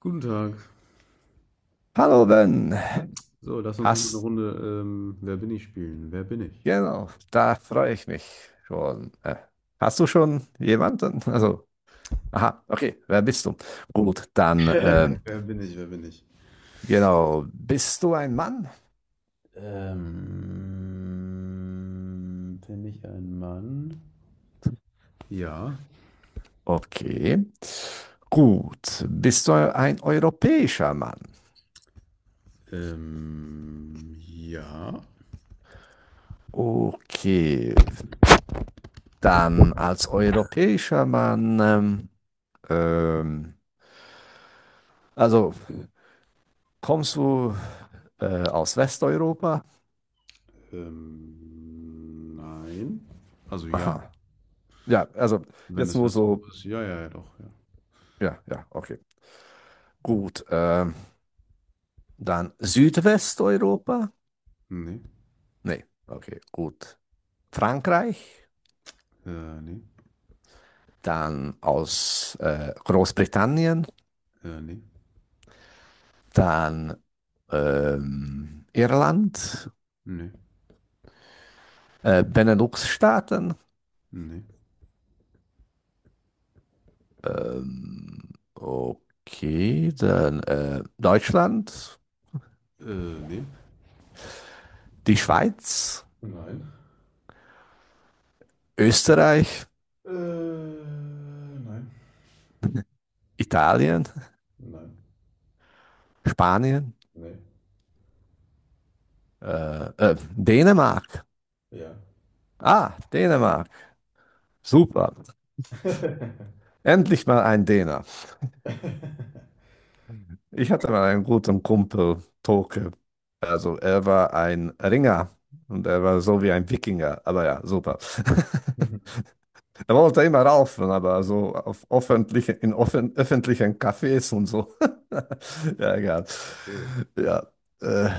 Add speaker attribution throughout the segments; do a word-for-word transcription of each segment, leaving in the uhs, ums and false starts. Speaker 1: Guten Tag.
Speaker 2: Hallo Ben,
Speaker 1: So, lass uns noch mal eine
Speaker 2: hast,
Speaker 1: Runde ähm, Wer bin ich spielen. Wer bin ich?
Speaker 2: genau, da freue ich mich schon. Äh, hast du schon jemanden? Also, aha, okay, wer bist du? Gut, dann, ähm,
Speaker 1: Wer bin ich? Wer bin ich?
Speaker 2: genau, bist du ein Mann?
Speaker 1: Ähm, bin ich ein Mann? Ja.
Speaker 2: Okay. Gut, bist du ein europäischer Mann?
Speaker 1: Ähm, ja.
Speaker 2: Okay, dann als europäischer Mann, ähm, ähm, also kommst du äh, aus Westeuropa?
Speaker 1: Ähm, nein. Also ja,
Speaker 2: Aha. Ja, also
Speaker 1: wenn
Speaker 2: jetzt
Speaker 1: das
Speaker 2: nur
Speaker 1: Restaurant
Speaker 2: so.
Speaker 1: ist. Ja, ja, ja, doch, ja.
Speaker 2: Ja, ja, okay. Gut. Ähm, dann Südwesteuropa.
Speaker 1: Nee.
Speaker 2: Nee, okay, gut. Frankreich.
Speaker 1: Äh, nee.
Speaker 2: Dann aus äh, Großbritannien.
Speaker 1: Äh, nee.
Speaker 2: Dann ähm, Irland.
Speaker 1: Nee.
Speaker 2: Äh, Benelux-Staaten.
Speaker 1: Nee.
Speaker 2: Ähm, okay, dann äh, Deutschland.
Speaker 1: Äh, nee.
Speaker 2: Die Schweiz.
Speaker 1: Nein.
Speaker 2: Österreich.
Speaker 1: Äh, nein.
Speaker 2: Italien.
Speaker 1: Nein.
Speaker 2: Spanien.
Speaker 1: Nee.
Speaker 2: Äh, äh, Dänemark.
Speaker 1: Ja.
Speaker 2: Ah, Dänemark. Super. Endlich mal ein Däner. Ich hatte mal einen guten Kumpel, Toke. Also er war ein Ringer und er war so wie ein Wikinger. Aber ja, super. Er wollte immer raufen, aber so auf öffentliche, in offen, öffentlichen Cafés und so. Ja, egal.
Speaker 1: Okay.
Speaker 2: Ja. Äh,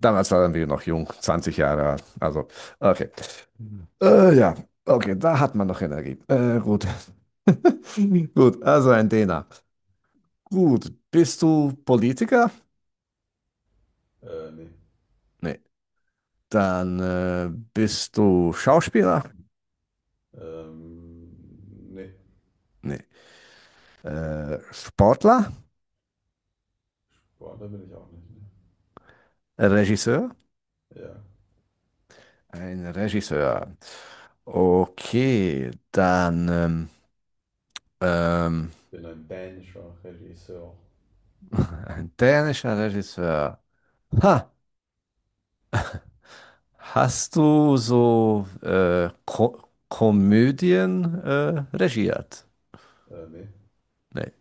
Speaker 2: Damals waren wir noch jung, zwanzig Jahre alt. Also, okay.
Speaker 1: Hm.
Speaker 2: Äh, ja, okay, da hat man noch Energie. Äh, gut. Gut, also ein Däner. Gut, bist du Politiker?
Speaker 1: Äh, nee.
Speaker 2: Nee. Dann äh, bist du Schauspieler?
Speaker 1: Ähm, nee.
Speaker 2: Nee. Äh, Sportler?
Speaker 1: Boah, da bin ich auch nicht. Ne?
Speaker 2: Regisseur?
Speaker 1: Ja.
Speaker 2: Ein Regisseur. Okay, dann ähm, ähm,
Speaker 1: Bin ein dänischer Regisseur.
Speaker 2: ein dänischer Regisseur. Ha, Hast du so äh, Ko Komödien äh, regiert?
Speaker 1: Äh, nee.
Speaker 2: Nee.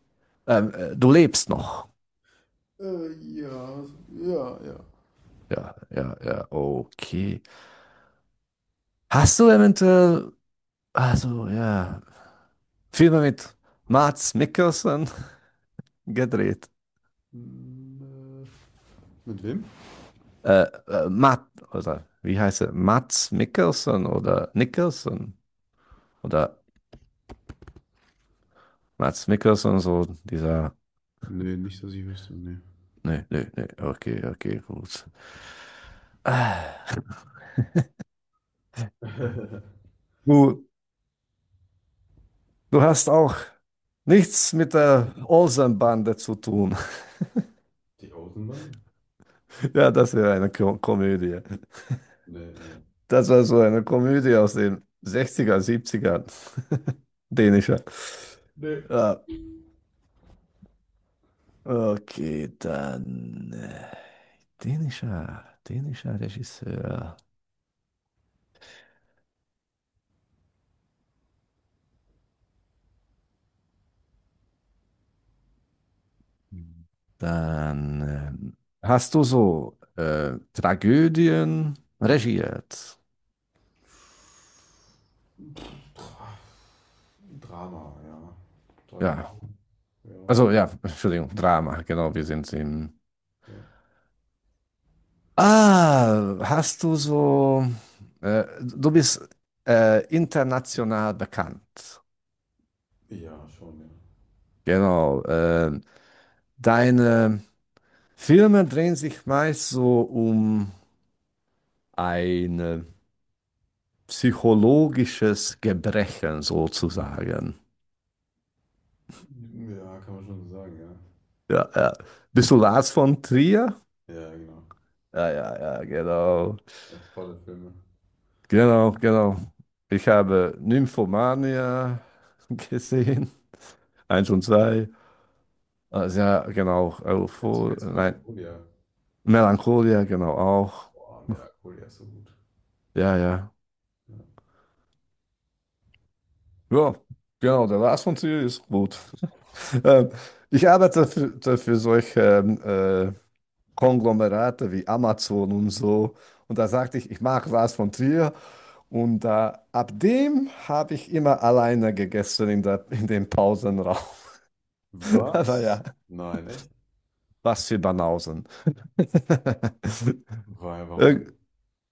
Speaker 2: Ähm, äh, du lebst noch.
Speaker 1: Äh, ja, ja, ja.
Speaker 2: Ja, ja, ja, okay. Hast du eventuell also ja, Filme mit Mads Mikkelsen gedreht.
Speaker 1: Hm, äh. Mit wem?
Speaker 2: Äh, äh, Matt, oder wie heißt er? Mads Mikkelsen oder Nicholson oder Mads Mikkelsen, so dieser.
Speaker 1: Nee, nicht, dass ich wüsste, nee.
Speaker 2: Nee, nee, nee, okay, okay, gut. Ah, Du, du hast auch nichts mit der Olsenbande zu tun.
Speaker 1: Die Außenbande?
Speaker 2: Ja, das wäre eine Ko Komödie.
Speaker 1: Nee, nee.
Speaker 2: Das war so eine Komödie aus den Sechziger, Siebziger, Dänischer.
Speaker 1: Nee.
Speaker 2: Ja, okay, dann äh, dänischer, dänischer Regisseur. Mhm. Dann ähm, hast du so äh, Tragödien regiert.
Speaker 1: Dra Drama, ja.
Speaker 2: Ja,
Speaker 1: Tragödie. Ja,
Speaker 2: also ja, Entschuldigung, Drama, genau, wir sind im.
Speaker 1: ja.
Speaker 2: Ah, hast du so, äh, du bist äh, international bekannt.
Speaker 1: Ja, schon, ja.
Speaker 2: Genau, äh, deine Filme drehen sich meist so um eine psychologisches Gebrechen sozusagen.
Speaker 1: Ja, kann man schon so sagen, ja.
Speaker 2: Ja, ja. Bist du Lars von Trier?
Speaker 1: Ja, genau.
Speaker 2: Ja, ja, ja, genau.
Speaker 1: Ja, tolle Filme.
Speaker 2: Genau, genau. Ich habe Nymphomania gesehen. Eins und zwei. Also, ja, genau.
Speaker 1: Kennst du,
Speaker 2: Euphor
Speaker 1: kennst du
Speaker 2: Nein,
Speaker 1: Melancholia?
Speaker 2: Melancholia, genau auch.
Speaker 1: Boah, Melancholia ist so gut.
Speaker 2: Ja, ja.
Speaker 1: Ja.
Speaker 2: Ja, genau. Der Lars von Trier ist gut. Ähm, Ich arbeite für, für solche ähm, äh, Konglomerate wie Amazon und so. Und da sagte ich, ich mag Lars von Trier. Und äh, ab dem habe ich immer alleine gegessen in der, in dem Pausenraum. Aber
Speaker 1: Was?
Speaker 2: ja,
Speaker 1: Nein, echt?
Speaker 2: was für Banausen.
Speaker 1: Weil, warum?
Speaker 2: Irg-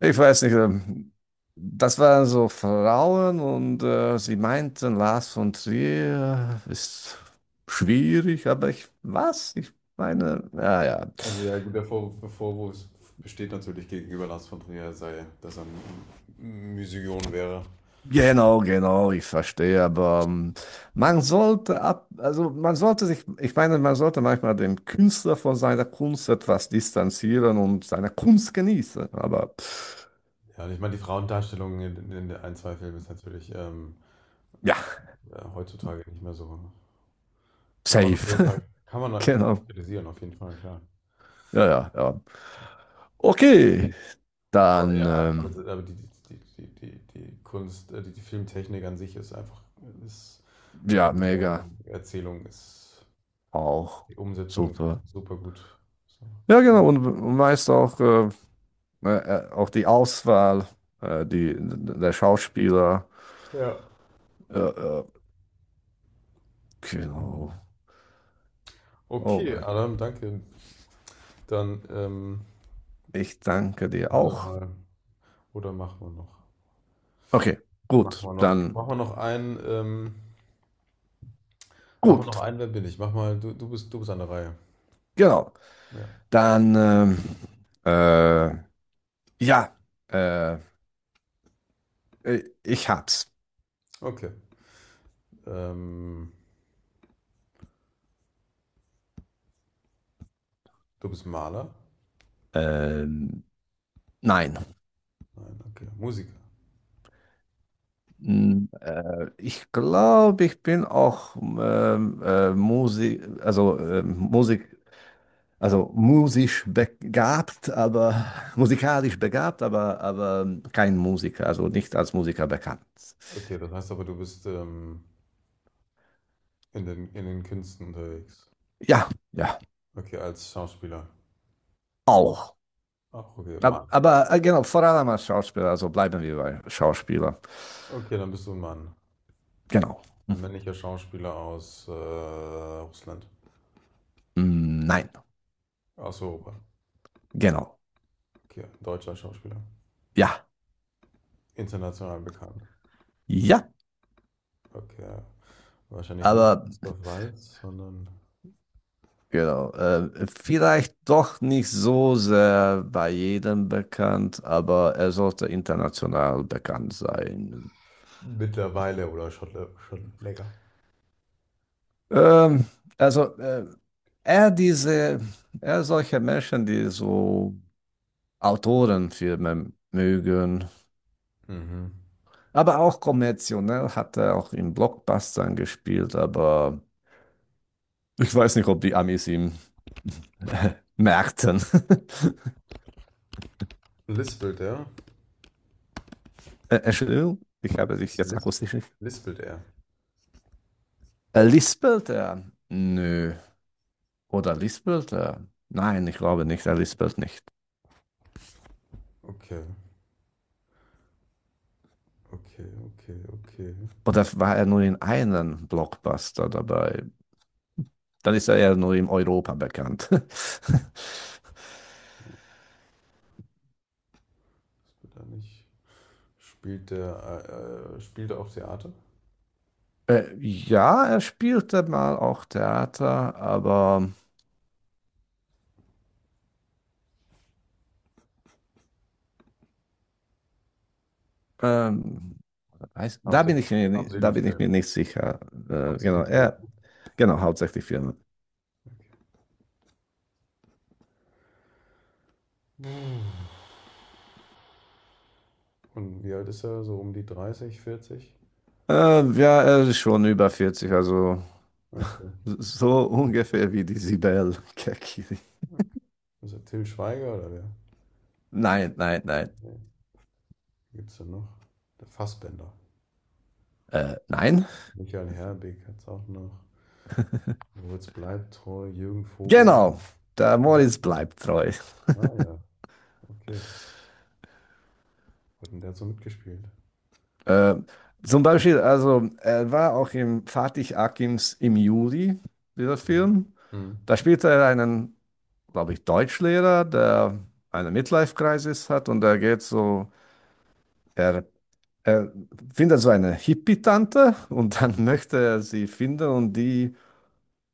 Speaker 2: Ich weiß nicht, ähm, das waren so Frauen und äh, sie meinten, Lars von Trier ist schwierig, aber ich, was? Ich meine, naja.
Speaker 1: Also ja, gut, der Vorwurf, der Vorwurf besteht natürlich gegenüber Lars von Trier, sei, dass er ein M- Musion wäre.
Speaker 2: Genau, genau, ich verstehe, aber ähm, man sollte ab, also man sollte sich, ich meine, man sollte manchmal den Künstler von seiner Kunst etwas distanzieren und seine Kunst genießen, aber pff,
Speaker 1: Ja, und ich meine, die Frauendarstellung in, in den ein, zwei Filmen ist natürlich ähm,
Speaker 2: ja,
Speaker 1: ja, heutzutage nicht mehr so. Kann man auf
Speaker 2: safe,
Speaker 1: jeden Fall, kann man, kann man
Speaker 2: genau,
Speaker 1: kritisieren, auf jeden Fall, klar.
Speaker 2: ja, ja, ja. Okay,
Speaker 1: Aber
Speaker 2: dann,
Speaker 1: ja, aber, das-
Speaker 2: ähm,
Speaker 1: aber die, die, die, die, die die Kunst, äh, die, die Filmtechnik an sich ist einfach, ist, und
Speaker 2: ja,
Speaker 1: die äh,
Speaker 2: mega,
Speaker 1: Erzählung ist,
Speaker 2: auch,
Speaker 1: die Umsetzung ist
Speaker 2: super.
Speaker 1: super gut. Ist einfach gut.
Speaker 2: Ja, genau, und, und weißt auch, äh, äh, äh, auch die Auswahl, äh, die, der Schauspieler,
Speaker 1: Ja.
Speaker 2: äh, äh, genau.
Speaker 1: Hm.
Speaker 2: Oh
Speaker 1: Okay,
Speaker 2: Mann.
Speaker 1: Adam, danke. Dann, ähm,
Speaker 2: Ich danke dir
Speaker 1: warte
Speaker 2: auch.
Speaker 1: mal, oder machen wir noch?
Speaker 2: Okay,
Speaker 1: Machen
Speaker 2: gut,
Speaker 1: wir noch,
Speaker 2: dann
Speaker 1: machen wir noch einen, ähm, machen wir noch
Speaker 2: gut,
Speaker 1: einen, wer bin ich? Mach mal, du, du bist, du bist an der Reihe.
Speaker 2: genau.
Speaker 1: Ja.
Speaker 2: Dann ähm, äh, ja, äh, äh, ich hab's.
Speaker 1: Okay, ähm, du bist Maler?
Speaker 2: Ähm, nein,
Speaker 1: Nein, okay, Musiker.
Speaker 2: Mm, äh, ich glaube, ich bin auch ähm, äh, Musik, also äh, Musik, also musisch begabt, aber musikalisch begabt, aber aber kein Musiker, also nicht als Musiker bekannt.
Speaker 1: Okay, das heißt aber, du bist, ähm, In den, in den Künsten unterwegs.
Speaker 2: Ja, ja,
Speaker 1: Okay, als Schauspieler.
Speaker 2: auch.
Speaker 1: Ach, okay,
Speaker 2: Ab-
Speaker 1: Mann.
Speaker 2: Aber äh, genau, vor allem als Schauspieler, also bleiben wir bei Schauspieler.
Speaker 1: Okay, dann bist du ein Mann.
Speaker 2: Genau.
Speaker 1: Ein männlicher Schauspieler aus äh, Russland.
Speaker 2: Hm, nein,
Speaker 1: Aus Europa.
Speaker 2: genau.
Speaker 1: Okay, deutscher Schauspieler.
Speaker 2: Ja,
Speaker 1: International bekannt.
Speaker 2: ja,
Speaker 1: Okay. Wahrscheinlich nicht
Speaker 2: aber
Speaker 1: Christoph Waltz, sondern
Speaker 2: genau. Äh, vielleicht doch nicht so sehr bei jedem bekannt, aber er sollte international bekannt sein.
Speaker 1: mittlerweile oder schon, schon länger.
Speaker 2: Ähm, also, äh, er diese, er solche Menschen, die so Autorenfilme mögen.
Speaker 1: Mhm.
Speaker 2: Aber auch kommerziell ne? Hat er auch in Blockbustern gespielt, aber ich weiß nicht, ob die Amis ihm merkten.
Speaker 1: Lispelt er?
Speaker 2: Äh, Entschuldigung, ich habe dich
Speaker 1: Was
Speaker 2: jetzt
Speaker 1: Lispelt,
Speaker 2: akustisch nicht.
Speaker 1: lispelt er.
Speaker 2: Äh, lispelt er? Nö. Oder lispelt er? Nein, ich glaube nicht, er lispelt nicht.
Speaker 1: Okay, okay, okay, okay.
Speaker 2: Oder war er nur in einem Blockbuster dabei? Dann ist er ja nur in Europa bekannt.
Speaker 1: Lispelt er nicht. Spielt er, äh, äh, spielt er auf Theater?
Speaker 2: Äh, ja, er spielte mal auch Theater, aber ähm, Weiß- Da bin
Speaker 1: Hauptsächlich,
Speaker 2: ich mir, ni- da
Speaker 1: hauptsächlich
Speaker 2: bin ich
Speaker 1: Film.
Speaker 2: mir nicht sicher. Äh, genau,
Speaker 1: Hauptsächlich Film.
Speaker 2: er, genau, hauptsächlich Firmen.
Speaker 1: Und wie alt ist er? So um die dreißig, vierzig?
Speaker 2: Äh, ja, er ist schon über vierzig, also
Speaker 1: Ach so.
Speaker 2: so ungefähr wie die Sibel Kekili.
Speaker 1: Ist er Till Schweiger oder wer?
Speaker 2: Nein, nein, nein.
Speaker 1: Nee. Gibt denn noch? Der Fassbender.
Speaker 2: Äh, nein?
Speaker 1: Michael Herbig hat's auch noch. Moritz bleibt treu, Jürgen Vogel.
Speaker 2: Genau, der
Speaker 1: Bleibt
Speaker 2: Moritz
Speaker 1: treu.
Speaker 2: bleibt treu.
Speaker 1: Ah ja, okay. Hat denn der so mitgespielt?
Speaker 2: Äh, Zum Beispiel, also er war auch im Fatih Akims im Juli, dieser
Speaker 1: Mhm.
Speaker 2: Film.
Speaker 1: Hm.
Speaker 2: Da spielte er einen, glaube ich, Deutschlehrer, der eine Midlife-Crisis hat und er geht so. Er Er findet so eine Hippie-Tante und dann möchte er sie finden und die,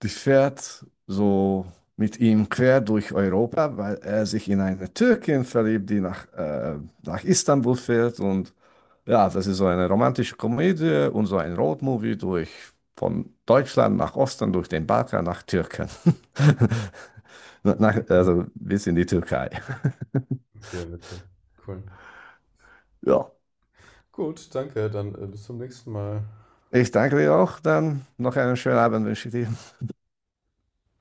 Speaker 2: die fährt so mit ihm quer durch Europa, weil er sich in eine Türkin verliebt, die nach, äh, nach Istanbul fährt. Und ja, das ist so eine romantische Komödie und so ein Roadmovie durch von Deutschland nach Osten, durch den Balkan nach Türken. Nach, also bis in die Türkei.
Speaker 1: Okay, witzig. Cool.
Speaker 2: Ja,
Speaker 1: Gut, danke. Dann äh, bis zum nächsten Mal.
Speaker 2: ich danke dir auch. Dann noch einen schönen Abend wünsche ich dir.